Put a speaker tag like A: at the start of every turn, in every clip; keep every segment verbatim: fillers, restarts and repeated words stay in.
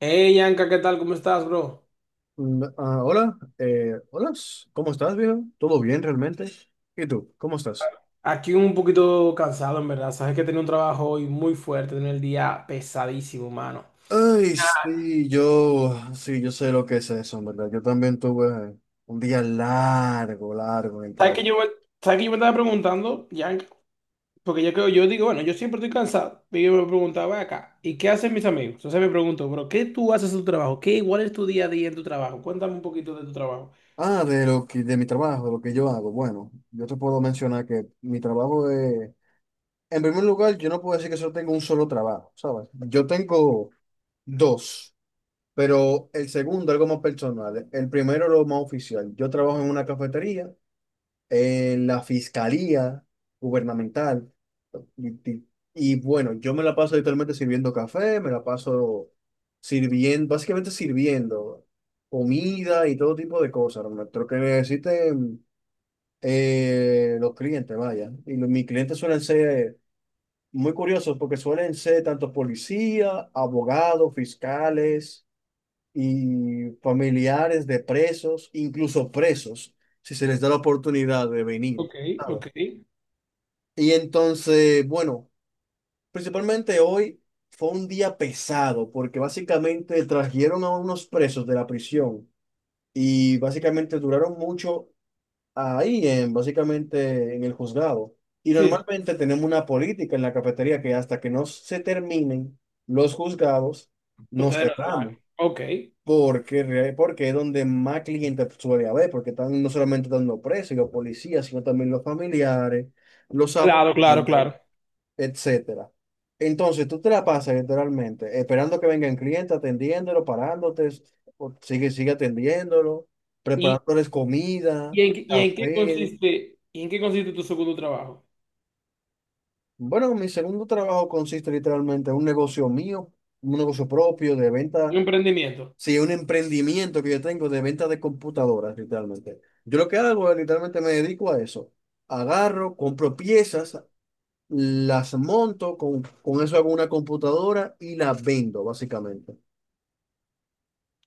A: Hey, Yanka, ¿qué tal? ¿Cómo estás, bro?
B: Mm, ah, hola, eh, hola, ¿cómo estás, viejo? ¿Todo bien realmente? ¿Y tú, cómo estás?
A: Aquí un poquito cansado, en verdad. Sabes que tenía un trabajo hoy muy fuerte, tenía el día pesadísimo, mano.
B: Ay, sí, yo, sí, yo sé lo que es eso, en verdad. Yo también tuve un día largo, largo en el
A: ¿Sabes que
B: trabajo.
A: yo, me- sabes que yo me estaba preguntando, Yanka? Porque yo, creo- yo digo, bueno, yo siempre estoy cansado. Y yo me preguntaba acá, ¿y qué hacen mis amigos? Entonces me pregunto, bro, ¿qué tú haces en tu trabajo? ¿Qué igual es tu día a día en tu trabajo? Cuéntame un poquito de tu trabajo.
B: Ah, de lo que, de mi trabajo, de lo que yo hago. Bueno, yo te puedo mencionar que mi trabajo es, en primer lugar, yo no puedo decir que solo tengo un solo trabajo, ¿sabes? Yo tengo dos, pero el segundo, algo más personal. El primero, lo más oficial. Yo trabajo en una cafetería en la fiscalía gubernamental. Y, y- y bueno, yo me la paso literalmente sirviendo café, me la paso sirviendo, básicamente sirviendo comida y todo tipo de cosas, Ernesto, lo que necesiten eh, los clientes, vaya. Y los- mis clientes suelen ser muy curiosos porque suelen ser tanto policía, abogados, fiscales y familiares de presos, incluso presos, si se les da la oportunidad de venir.
A: Ok,
B: ¿Sabes?
A: ok. Sí,
B: Y entonces, bueno, principalmente hoy fue un día pesado porque básicamente trajeron a unos presos de la prisión y básicamente duraron mucho ahí en, básicamente en el juzgado. Y
A: sí.
B: normalmente tenemos una política en la cafetería que hasta que no se terminen los juzgados, nos
A: Ustedes no trabajan.
B: cerramos.
A: Ok.
B: Porque, re- porque es donde más clientes suele haber, porque están no solamente dando presos y los policías, sino también los familiares, los
A: Claro, claro,
B: abogados,
A: claro.
B: etcétera. Entonces, tú te la pasas literalmente esperando que vengan clientes, atendiéndolo, parándote, o sigue, sigue atendiéndolo,
A: ¿Y,
B: preparándoles
A: y
B: comida,
A: en, qué- y en qué
B: café.
A: consiste, y en qué consiste tu segundo trabajo?
B: Bueno, mi segundo trabajo consiste literalmente en un negocio mío, un negocio propio de
A: Un
B: venta,
A: emprendimiento.
B: sí, un emprendimiento que yo tengo de venta de computadoras, literalmente. Yo lo que hago es literalmente me dedico a eso. Agarro, compro piezas, las monto, con, con eso hago una computadora y las vendo, básicamente.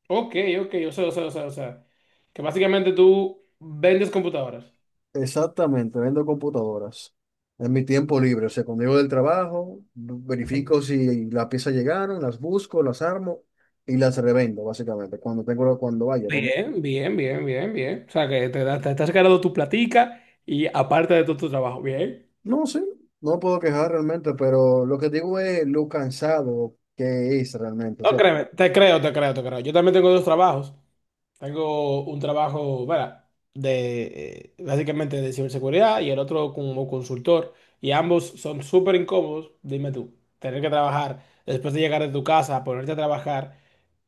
A: Ok, ok, o sea, o sea, o sea, o sea, que básicamente tú vendes computadoras.
B: Exactamente, vendo computadoras. En mi tiempo libre, o sea, cuando llego del trabajo, verifico si las piezas llegaron, las busco, las armo y las revendo, básicamente, cuando tengo, cuando vaya. cuando-
A: Bien, bien, bien, bien, bien. O sea, que te, da- te estás ganando tu platica y aparte de todo tu trabajo, bien.
B: no, sí, no puedo quejar realmente, pero lo que digo es lo cansado que es realmente, o
A: No,
B: sea,
A: créeme, te creo, te creo, te creo. Yo también tengo dos trabajos. Tengo un trabajo, bueno, De, eh, básicamente de ciberseguridad y el otro como consultor. Y ambos son súper incómodos, dime tú. Tener que trabajar después de llegar de tu casa, ponerte a trabajar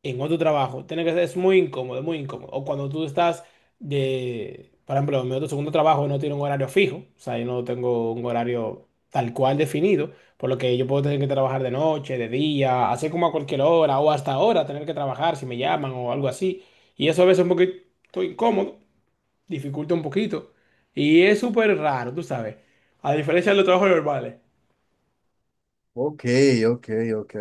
A: en otro trabajo, tiene que ser, es muy incómodo, muy incómodo. O cuando tú estás de, por ejemplo, en mi otro segundo trabajo no tiene un horario fijo, o sea, yo no tengo un horario tal cual definido, por lo que yo puedo tener que trabajar de noche, de día, así como a cualquier hora o hasta ahora tener que trabajar si me llaman o algo así. Y eso a veces es un poquito incómodo, dificulta un poquito. Y es súper raro, tú sabes. A diferencia de los trabajos normales.
B: ok, ok, ok.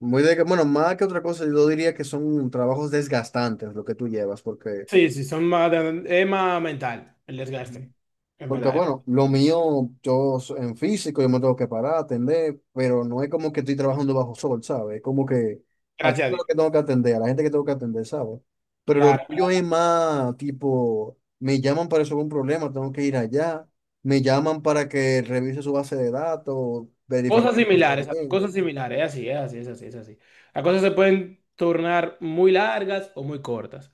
B: Muy de que, bueno, más que otra cosa, yo diría que son trabajos desgastantes lo que tú llevas, porque
A: Sí, sí, son más, de- es más mental el desgaste, en
B: porque
A: verdad.
B: bueno, lo mío, yo so- en físico, yo me tengo que parar, atender, pero no es como que estoy trabajando bajo sol, ¿sabes? Es como que a
A: Gracias a
B: todo lo
A: Dios.
B: que tengo que atender, a la gente que tengo que atender, ¿sabes? Pero lo
A: Claro.
B: tuyo es más tipo, me llaman para resolver un problema, tengo que ir allá, me llaman para que revise su base de datos, verificar
A: Cosas
B: que todo está
A: similares,
B: bien.
A: cosas similares, es así, es así, es así, es así. Las cosas se pueden tornar muy largas o muy cortas.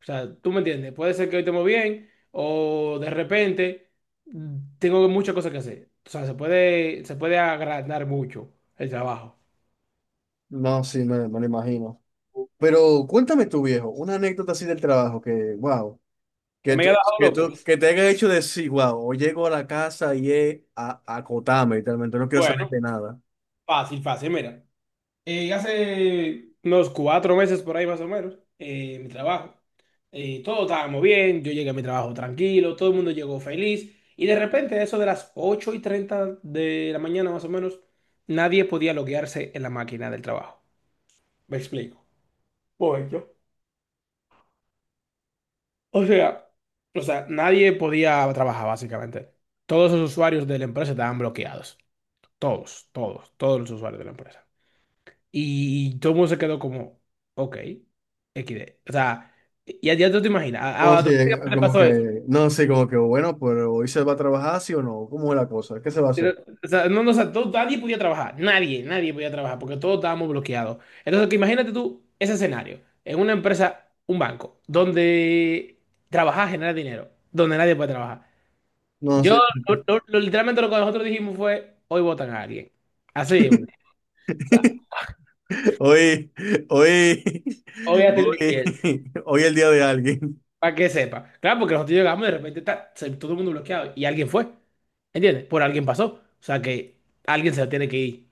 A: O sea, tú me entiendes, puede ser que hoy estemos bien o de repente mm, tengo muchas cosas que hacer. O sea, se puede, se puede agrandar mucho el trabajo.
B: No, sí, me, me lo imagino. Pero cuéntame tú, viejo, una anécdota así del trabajo que, wow.
A: ¿Que
B: Que
A: me
B: tú,
A: haya dejado
B: que
A: loco?
B: tú, que te haya hecho decir, wow, o llego a la casa y es a, a acotarme, literalmente, no quiero saber
A: Bueno,
B: de nada.
A: fácil, fácil, mira. Eh, hace unos cuatro meses por ahí más o menos, eh, mi trabajo. Eh, todos estábamos bien, yo llegué a mi trabajo tranquilo, todo el mundo llegó feliz. Y de repente, a eso de las ocho y treinta de la mañana más o menos, nadie podía loguearse en la máquina del trabajo. Me explico. Voy yo. O sea, o sea, nadie podía trabajar básicamente. Todos los usuarios de la empresa estaban bloqueados. Todos, todos, todos los usuarios de la empresa. Y todo el mundo se quedó como, ok, equis de. O sea, ya, ya tú te imaginas, a,
B: No,
A: a-
B: sí, eh,
A: automáticamente
B: como
A: pasó eso.
B: que, no, sí, como que, bueno, pero hoy se va a trabajar, sí o no, ¿cómo es la cosa? ¿Qué se va a hacer?
A: O sea, no, no, o sea, todo- nadie podía trabajar, nadie, nadie podía trabajar porque todos estábamos bloqueados. Entonces, que imagínate tú ese escenario, en una empresa, un banco, donde trabajar genera dinero, donde nadie puede trabajar.
B: No,
A: Yo,
B: sí,
A: lo- lo- lo- literalmente lo que nosotros dijimos fue, hoy votan a alguien. Así, mismo. o sea,
B: hoy, hoy,
A: hoy hacen
B: hoy,
A: limpieza.
B: hoy es el día de alguien.
A: Para que sepa. Claro, porque nosotros llegamos y de repente ta, se- todo el mundo bloqueado y alguien fue. ¿Entiendes? Por alguien pasó. O sea que alguien se tiene que ir.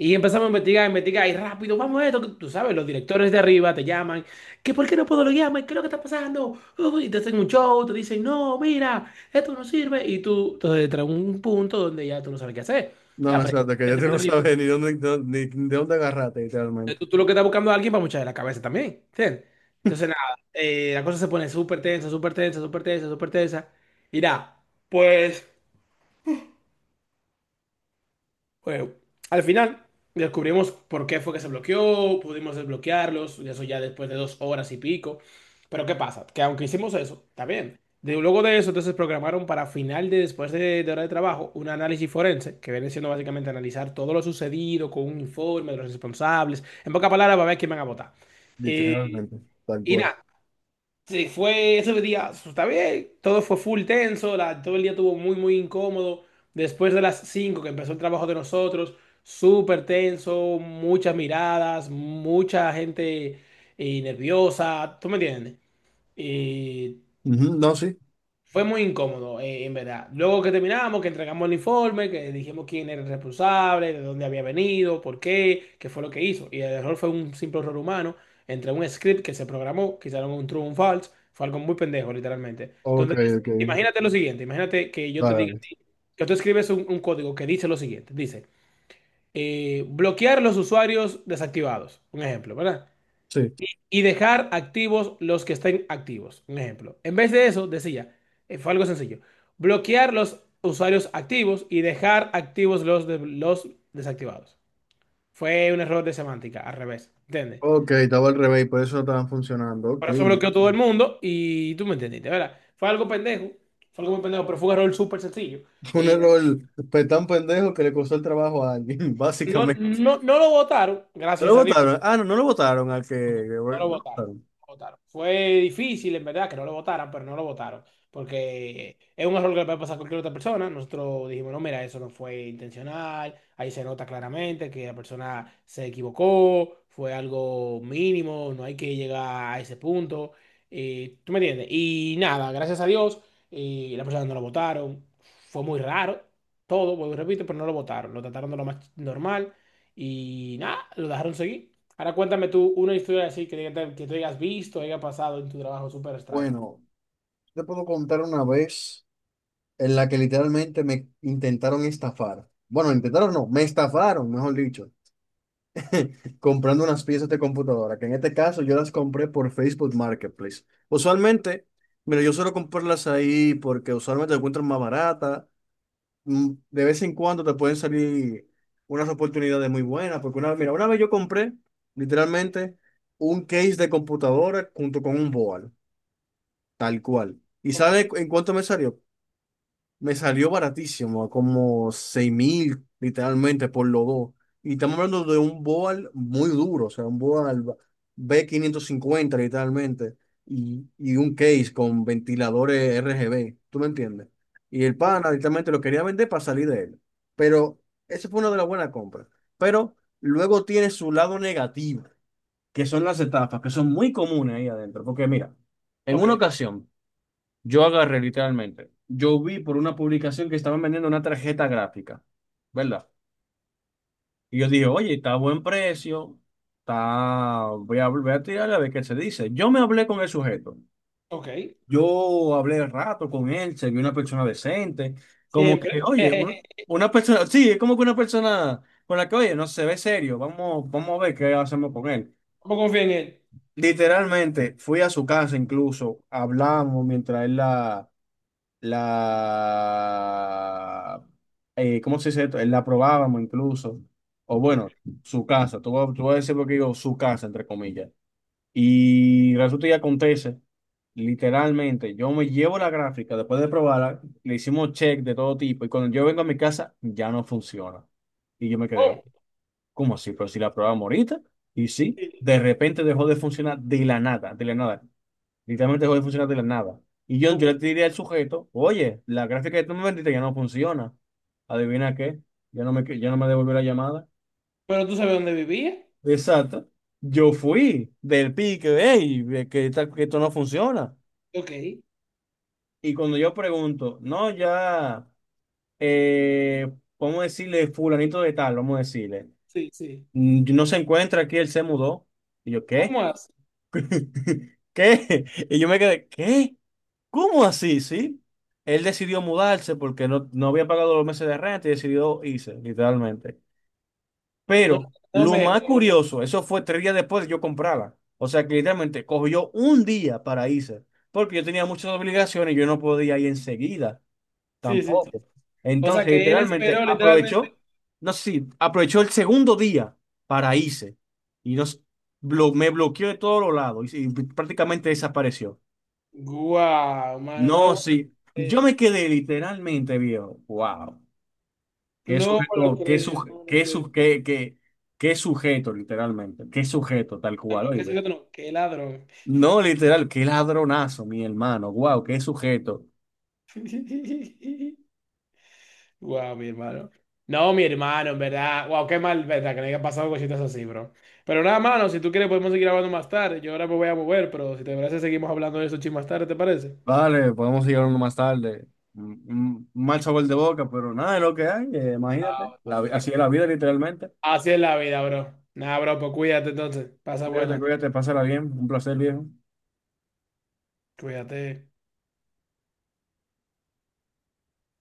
A: Y empezamos a investigar, investigar y rápido, vamos a esto. que Tú sabes, los directores de arriba te llaman. ¿Que por qué no puedo loguearme? ¿Qué es lo que está pasando? Uy, y te hacen un show, te dicen, no, mira, esto no sirve. Y tú, entonces, entra un punto donde ya tú no sabes qué hacer.
B: No,
A: La presión
B: exacto, que ya tú no sabes ni dónde, ni de dónde agarrarte, literalmente.
A: tú lo que estás buscando a alguien para mucha la cabeza también. ¿entiendes? Entonces, nada, eh, la cosa se pone súper tensa, súper tensa, súper tensa, súper tensa. Y nada, pues, bueno, al final descubrimos por qué fue que se bloqueó, pudimos desbloquearlos, y eso ya después de dos horas y pico. Pero ¿qué pasa? Que aunque hicimos eso, está bien. De- luego de eso, entonces programaron para final de después de, de hora de trabajo un análisis forense, que viene siendo básicamente analizar todo lo sucedido con un informe de los responsables. En pocas palabras, va a ver quién van a votar. Eh,
B: Literalmente, tal
A: y
B: cual.
A: nada, Sí, fue ese día, pues, está bien, todo fue full tenso, la- todo el día estuvo muy, muy incómodo. Después de las cinco que empezó el trabajo de nosotros, súper tenso, muchas miradas, mucha gente eh, nerviosa, ¿tú me entiendes? Eh,
B: Ujú. No, sí.
A: fue muy incómodo, eh, en verdad. Luego que terminamos, que entregamos el informe, que dijimos quién era el responsable, de dónde había venido, por qué, qué fue lo que hizo. Y el error fue un simple error humano entre un script que se programó, que hicieron un true o un false. Fue algo muy pendejo, literalmente.
B: Ok,
A: Entonces,
B: ok.
A: imagínate lo siguiente, imagínate que yo te
B: Vale,
A: diga,
B: vale.
A: que tú escribes un, un código que dice lo siguiente, dice, eh, bloquear los usuarios desactivados, un ejemplo, ¿verdad?
B: Sí.
A: Y dejar activos los que estén activos. Un ejemplo. En vez de eso, decía, eh, fue algo sencillo, bloquear los usuarios activos y dejar activos los, de- los desactivados. Fue un error de semántica, al revés, ¿entiendes?
B: Ok, estaba al revés, por eso no estaban funcionando.
A: Por
B: Ok.
A: eso bloqueó todo el mundo y tú me entendiste, ¿verdad? Fue algo pendejo, fue algo muy pendejo, pero fue un error súper sencillo.
B: Un
A: Y
B: error pues, tan pendejo que le costó el trabajo a alguien,
A: no,
B: básicamente.
A: no, no lo votaron,
B: ¿No lo
A: gracias a Dios.
B: votaron? Ah, no, no lo votaron al que...
A: No, no, no
B: Bueno,
A: lo
B: no lo
A: votaron.
B: votaron.
A: No lo votaron. Fue difícil, en verdad, que no lo votaran, pero no lo votaron. Porque es un error que le puede pasar a cualquier otra persona. Nosotros dijimos, no, mira, eso no fue intencional. Ahí se nota claramente que la persona se equivocó. Fue algo mínimo. No hay que llegar a ese punto. Eh, ¿tú me entiendes? Y nada, gracias a Dios, eh, la persona no lo votaron. Fue muy raro. Todo, vuelvo y repito, pero no lo votaron. Lo trataron de lo más normal. Y nada, lo dejaron seguir. Ahora cuéntame tú una historia así que, te- que tú hayas visto, haya pasado en tu trabajo súper extraño.
B: Bueno, te puedo contar una vez en la que literalmente me intentaron estafar. Bueno, intentaron no, me estafaron, mejor dicho, comprando unas piezas de computadora, que en este caso yo las compré por Facebook Marketplace. Usualmente, mira, yo suelo comprarlas ahí porque usualmente las encuentran más baratas, mm, de vez en cuando te pueden salir unas oportunidades muy buenas, porque una, mira, una vez yo compré literalmente un case de computadora junto con un board, tal cual. ¿Y
A: Ok,
B: sabes en cuánto me salió? Me salió baratísimo, como seis mil literalmente por los dos. Y estamos hablando de un Boal muy duro, o sea, un Boal B quinientos cincuenta literalmente. Y, y un case con ventiladores R G B, ¿tú me entiendes? Y el
A: o-
B: pana literalmente lo quería vender para salir de él. Pero esa fue una de las buenas compras. Pero luego tiene su lado negativo, que son las estafas, que son muy comunes ahí adentro. Porque mira, en
A: ok,
B: una ocasión... yo agarré literalmente. Yo vi por una publicación que estaban vendiendo una tarjeta gráfica, ¿verdad? Y yo dije, oye, está a buen precio, está... voy a, voy a tirarle a ver qué se dice. Yo me hablé con el sujeto.
A: ok.
B: Yo hablé rato con él, se vio una persona decente, como
A: Siempre.
B: que, oye, una una persona, sí, es como que una persona con la que, oye, no se ve serio, vamos, vamos a ver qué hacemos con él.
A: ¿Cómo confía en él?
B: Literalmente, fui a su casa incluso, hablamos mientras él la la, eh, ¿cómo se dice esto? La probábamos incluso, o bueno, su casa, tú, vas- tú vas a decir lo que digo, su casa, entre comillas. Y resulta y acontece, literalmente, yo me llevo la gráfica, después de probarla, le hicimos check de todo tipo, y cuando yo vengo a mi casa, ya no funciona. Y yo me quedé,
A: Oh,
B: ¿cómo así? Pero si la probamos ahorita, y sí,
A: sí,
B: de repente dejó de funcionar de la nada, de la nada. Literalmente dejó de funcionar de la nada. Y yo, yo
A: ok.
B: le tiré al sujeto, oye, la gráfica que tú me vendiste ya no funciona. ¿Adivina qué? Ya no me, ya no me devolvió la llamada.
A: Pero tú sabes dónde vivía.
B: Exacto. Yo fui del pique, hey, ve que, esta- que esto no funciona.
A: Ok,
B: Y cuando yo pregunto, no, ya, eh, vamos a decirle fulanito de tal, vamos a decirle,
A: sí, sí.
B: "Mm, no se encuentra aquí, él se mudó." Y yo, ¿qué?
A: ¿Cómo así?
B: ¿Qué? Y yo me quedé, ¿qué? ¿Cómo así, sí? Él decidió mudarse porque no, no había pagado los meses de renta y decidió irse, literalmente.
A: No,
B: Pero
A: no
B: lo
A: me
B: más
A: jodas.
B: curioso, eso fue tres días después de yo comprarla. O sea que literalmente cogió un día para irse, porque yo tenía muchas obligaciones y yo no podía ir enseguida
A: Sí, sí, sí.
B: tampoco.
A: O sea
B: Entonces,
A: que él
B: literalmente
A: esperó literalmente.
B: aprovechó, no sé si aprovechó el segundo día para irse y nos, blo- me bloqueó de todos los lados y, y prácticamente desapareció.
A: Guau, mano, no me
B: No,
A: lo
B: sí. Yo me
A: creo.
B: quedé literalmente, viejo. Wow. Qué
A: No me lo
B: sujeto, qué
A: creo,
B: sujeto,
A: no me lo
B: qué,
A: creo.
B: su- qué, qué, qué sujeto, literalmente. Qué sujeto, tal
A: No, no,
B: cual,
A: qué sé
B: oíste.
A: yo, no. Qué ladrón.
B: No, literal, qué ladronazo, mi hermano. Wow, qué sujeto.
A: Wow, mi hermano. No, mi hermano, en verdad. Wow, qué mal, verdad, que le haya pasado cositas así, bro. Pero nada, mano, si tú quieres podemos seguir hablando más tarde. Yo ahora me voy a mover, pero si te parece, seguimos hablando de eso chin más tarde, ¿te parece?
B: Vale, podemos seguir hablando más tarde. Un un mal sabor de boca, pero nada de lo que hay, eh,
A: Ah,
B: imagínate. La
A: bueno,
B: vi- así
A: tranqui.
B: es la vida, literalmente.
A: Así es la vida, bro. Nada, bro, pues cuídate entonces. Pasa
B: Cuídate,
A: buena.
B: cuídate, pásala bien. Un placer, viejo.
A: Cuídate.